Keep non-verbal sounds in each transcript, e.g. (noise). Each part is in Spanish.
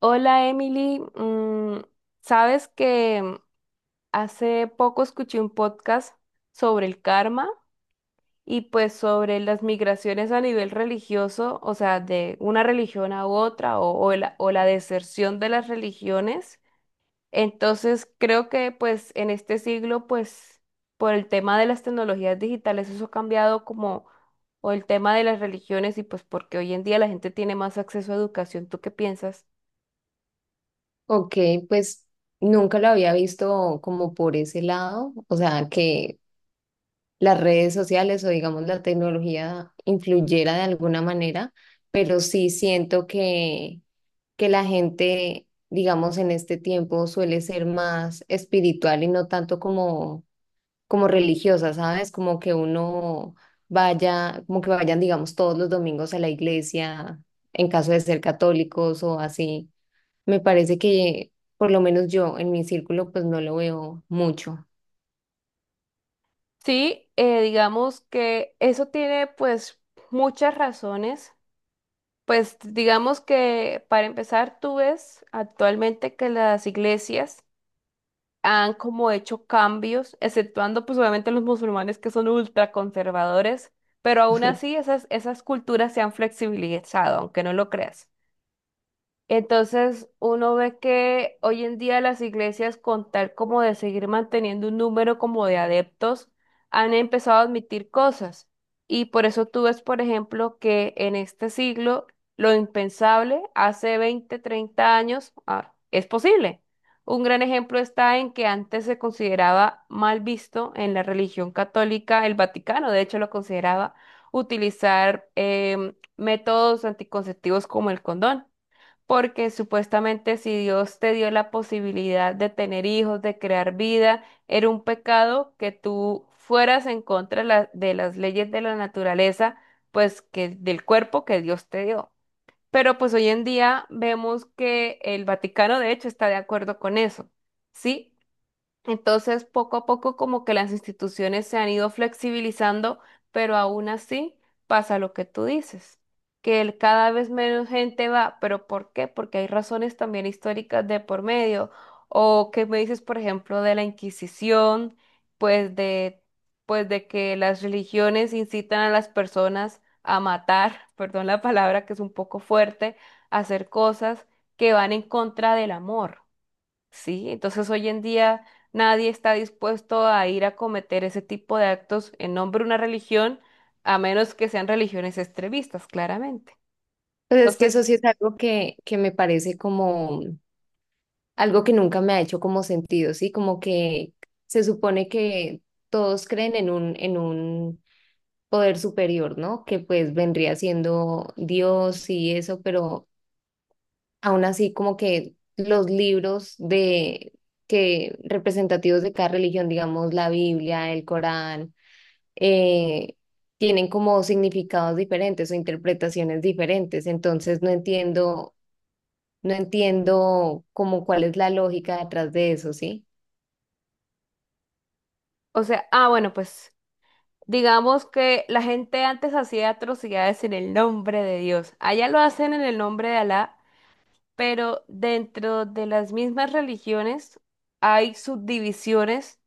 Hola Emily, sabes que hace poco escuché un podcast sobre el karma y pues sobre las migraciones a nivel religioso, o sea, de una religión a otra o la deserción de las religiones. Entonces creo que pues en este siglo pues por el tema de las tecnologías digitales eso ha cambiado como o el tema de las religiones y pues porque hoy en día la gente tiene más acceso a educación. ¿Tú qué piensas? Ok, pues nunca lo había visto como por ese lado, o sea, que las redes sociales o digamos la tecnología influyera de alguna manera, pero sí siento que la gente, digamos, en este tiempo suele ser más espiritual y no tanto como religiosa, ¿sabes? Como que uno vaya, como que vayan, digamos, todos los domingos a la iglesia, en caso de ser católicos o así. Me parece que, por lo menos yo, en mi círculo, pues no lo veo mucho. Sí, digamos que eso tiene pues muchas razones. Pues digamos que para empezar, tú ves actualmente que las iglesias han como hecho cambios, exceptuando pues obviamente los musulmanes que son ultraconservadores, pero aún (laughs) así esas culturas se han flexibilizado, aunque no lo creas. Entonces uno ve que hoy en día las iglesias, con tal como de seguir manteniendo un número como de adeptos, han empezado a admitir cosas. Y por eso tú ves, por ejemplo, que en este siglo lo impensable hace 20, 30 años es posible. Un gran ejemplo está en que antes se consideraba mal visto en la religión católica el Vaticano, de hecho lo consideraba utilizar métodos anticonceptivos como el condón porque supuestamente si Dios te dio la posibilidad de tener hijos, de crear vida, era un pecado que tú fueras en contra de, de las leyes de la naturaleza, pues que del cuerpo que Dios te dio. Pero pues hoy en día vemos que el Vaticano de hecho está de acuerdo con eso, ¿sí? Entonces, poco a poco, como que las instituciones se han ido flexibilizando, pero aún así pasa lo que tú dices, que cada vez menos gente va, pero ¿por qué? Porque hay razones también históricas de por medio, o que me dices, por ejemplo, de la Inquisición, pues de, pues de que las religiones incitan a las personas a matar, (laughs) perdón la palabra que es un poco fuerte, a hacer cosas que van en contra del amor. Sí, entonces hoy en día nadie está dispuesto a ir a cometer ese tipo de actos en nombre de una religión, a menos que sean religiones extremistas, claramente. Pues es que Entonces, eso sí es algo que me parece como algo que nunca me ha hecho como sentido, ¿sí? Como que se supone que todos creen en un poder superior, ¿no? Que pues vendría siendo Dios y eso, pero aún así como que los libros de que representativos de cada religión, digamos la Biblia, el Corán eh, tienen como significados diferentes o interpretaciones diferentes. Entonces no entiendo, no entiendo como cuál es la lógica detrás de eso, ¿sí? o sea, bueno, pues digamos que la gente antes hacía atrocidades en el nombre de Dios. Allá lo hacen en el nombre de Alá, pero dentro de las mismas religiones hay subdivisiones,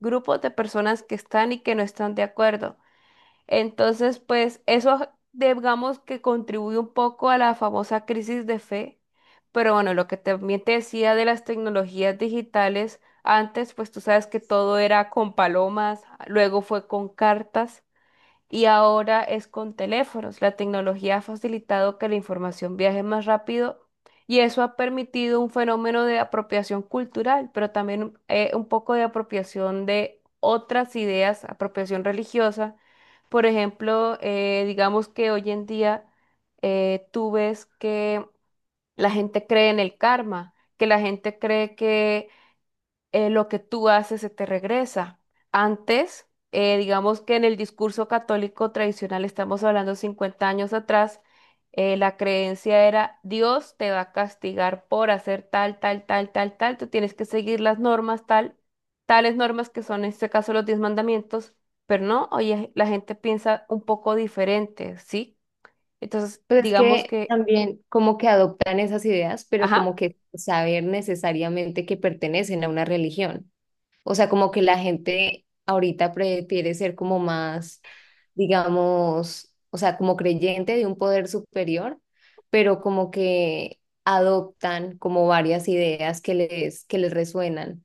grupos de personas que están y que no están de acuerdo. Entonces, pues eso digamos que contribuye un poco a la famosa crisis de fe. Pero bueno, lo que también te decía de las tecnologías digitales, antes pues tú sabes que todo era con palomas, luego fue con cartas y ahora es con teléfonos. La tecnología ha facilitado que la información viaje más rápido y eso ha permitido un fenómeno de apropiación cultural, pero también un poco de apropiación de otras ideas, apropiación religiosa. Por ejemplo, digamos que hoy en día tú ves que la gente cree en el karma, que la gente cree que lo que tú haces se te regresa. Antes, digamos que en el discurso católico tradicional, estamos hablando 50 años atrás, la creencia era Dios te va a castigar por hacer tal, tal, tal, tal, tal, tú tienes que seguir las normas, tal, tales normas que son en este caso los 10 mandamientos, pero no, oye, la gente piensa un poco diferente, ¿sí? Entonces, Pues es digamos que que, también como que adoptan esas ideas, pero como ajá. que saber necesariamente que pertenecen a una religión. O sea, como que la gente ahorita prefiere ser como más, digamos, o sea, como creyente de un poder superior, pero como que adoptan como varias ideas que les resuenan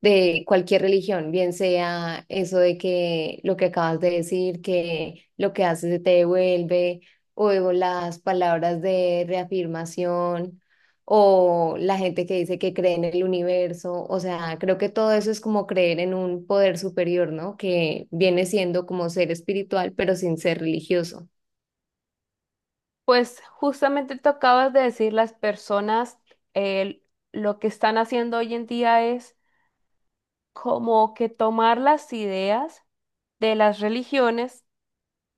de cualquier religión, bien sea eso de que lo que acabas de decir, que lo que haces se te devuelve, o las palabras de reafirmación, o la gente que dice que cree en el universo, o sea, creo que todo eso es como creer en un poder superior, ¿no? Que viene siendo como ser espiritual, pero sin ser religioso. Pues justamente tú acabas de decir, las personas eh, lo que están haciendo hoy en día es como que tomar las ideas de las religiones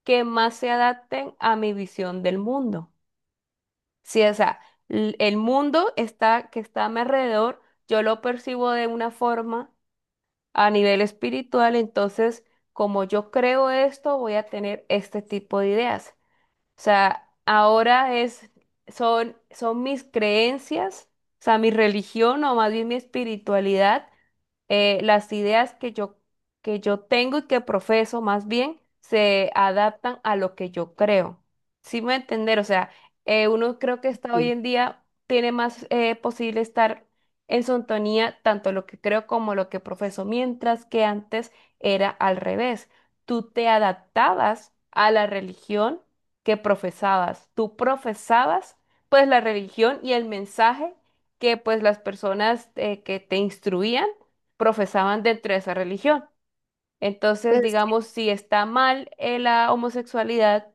que más se adapten a mi visión del mundo. Sí, o sea, el mundo está, que está a mi alrededor, yo lo percibo de una forma a nivel espiritual, entonces como yo creo esto, voy a tener este tipo de ideas. O sea, ahora es, son, son mis creencias, o sea, mi religión o más bien mi espiritualidad, las ideas que yo tengo y que profeso más bien se adaptan a lo que yo creo. ¿Sí me va a entender? O sea, uno creo que está hoy Sí. en día, tiene más posible estar en sintonía tanto lo que creo como lo que profeso, mientras que antes era al revés. Tú te adaptabas a la religión que profesabas. Tú profesabas pues la religión y el mensaje que pues las personas que te instruían profesaban dentro de esa religión. Entonces, Pues, digamos, si está mal la homosexualidad,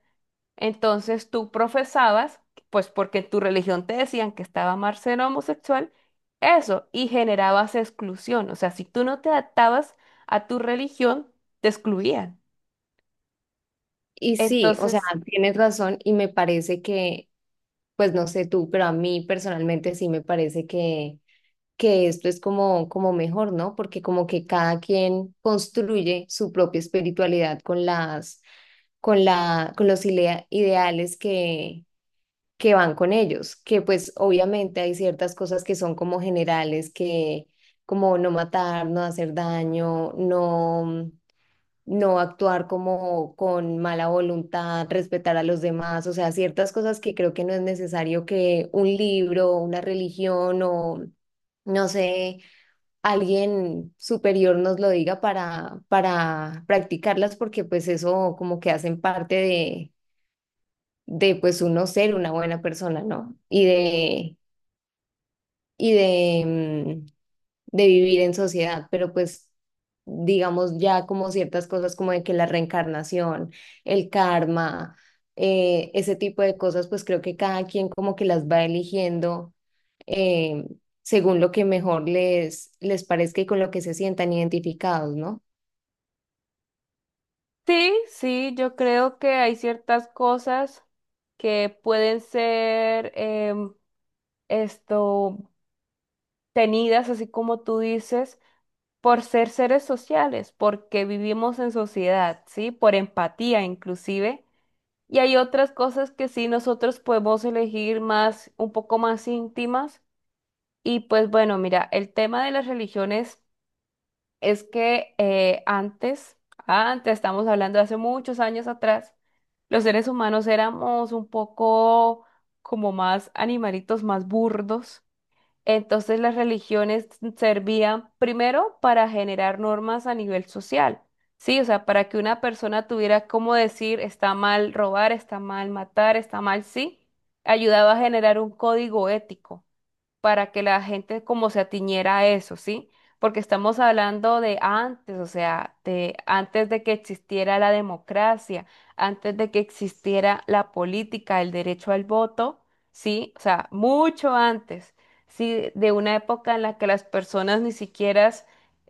entonces tú profesabas, pues porque en tu religión te decían que estaba mal ser homosexual, eso, y generabas exclusión. O sea, si tú no te adaptabas a tu religión, te excluían. y sí, o sea, Entonces, tienes razón y me parece que, pues no sé tú, pero a mí personalmente sí me parece que esto es como, como mejor, ¿no? Porque como que cada quien construye su propia espiritualidad con las, con la, con los ilea- ideales que van con ellos, que pues obviamente hay ciertas cosas que son como generales, que como no matar, no hacer daño, no, no actuar como con mala voluntad, respetar a los demás, o sea, ciertas cosas que creo que no es necesario que un libro, una religión o no sé alguien superior nos lo diga para practicarlas, porque pues eso como que hacen parte de pues uno ser una buena persona, ¿no? Y de, y de, mm, de vivir en sociedad, pero pues digamos ya como ciertas cosas como de que la reencarnación, el karma, ese tipo de cosas, pues creo que cada quien como que las va eligiendo. eh, Según lo que mejor les, les parezca y con lo que se sientan identificados, ¿no? sí, sí, yo creo que hay ciertas cosas que pueden ser esto tenidas, así como tú dices, por ser seres sociales, porque vivimos en sociedad, ¿sí? Por empatía inclusive. Y hay otras cosas que sí nosotros podemos elegir más, un poco más íntimas. Y pues bueno, mira, el tema de las religiones. Es que antes, estamos hablando de hace muchos años atrás, los seres humanos éramos un poco como más animalitos, más burdos. Entonces las religiones servían primero para generar normas a nivel social, ¿sí? O sea, para que una persona tuviera cómo decir está mal robar, está mal matar, está mal, sí, ayudaba a generar un código ético para que la gente como se atiñera a eso, ¿sí? Porque estamos hablando de antes, o sea, de antes de que existiera la democracia, antes de que existiera la política, el derecho al voto, ¿sí? O sea, mucho antes, ¿sí? De una época en la que las personas ni siquiera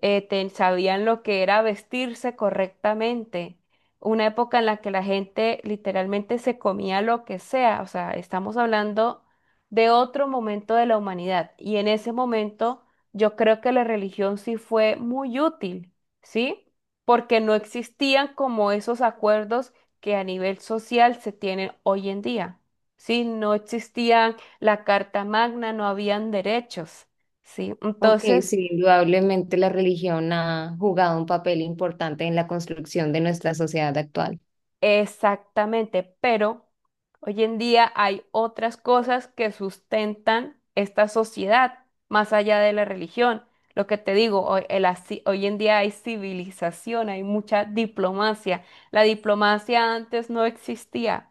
sabían lo que era vestirse correctamente. Una época en la que la gente literalmente se comía lo que sea, o sea, estamos hablando de otro momento de la humanidad. Y en ese momento yo creo que la religión sí fue muy útil, ¿sí? Porque no existían como esos acuerdos que a nivel social se tienen hoy en día, ¿sí? No existían la Carta Magna, no habían derechos, ¿sí? Ok, Entonces, sí, indudablemente la religión ha jugado un papel importante en la construcción de nuestra sociedad actual. exactamente, pero hoy en día hay otras cosas que sustentan esta sociedad más allá de la religión. Lo que te digo, hoy, hoy en día hay civilización, hay mucha diplomacia. La diplomacia antes no existía.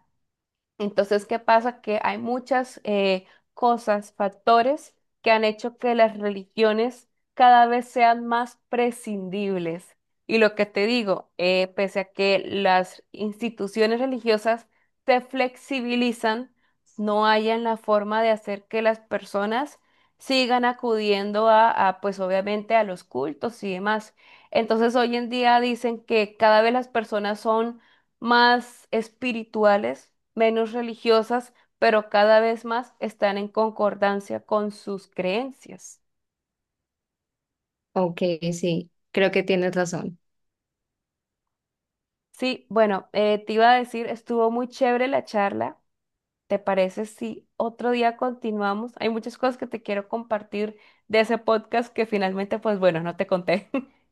Entonces, ¿qué pasa? Que hay muchas cosas, factores que han hecho que las religiones cada vez sean más prescindibles. Y lo que te digo, pese a que las instituciones religiosas se flexibilizan, no hayan la forma de hacer que las personas sigan acudiendo a, pues obviamente, a los cultos y demás. Entonces, hoy en día dicen que cada vez las personas son más espirituales, menos religiosas, pero cada vez más están en concordancia con sus creencias. Ok, sí, creo que tienes razón. Sí, bueno, te iba a decir, estuvo muy chévere la charla. ¿Te parece si otro día continuamos? Hay muchas cosas que te quiero compartir de ese podcast que finalmente, pues bueno, no te conté. (laughs)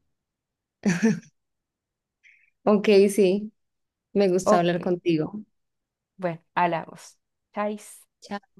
Ok, sí, me gusta Ok, hablar contigo. bueno, hablamos. Chais. Chao.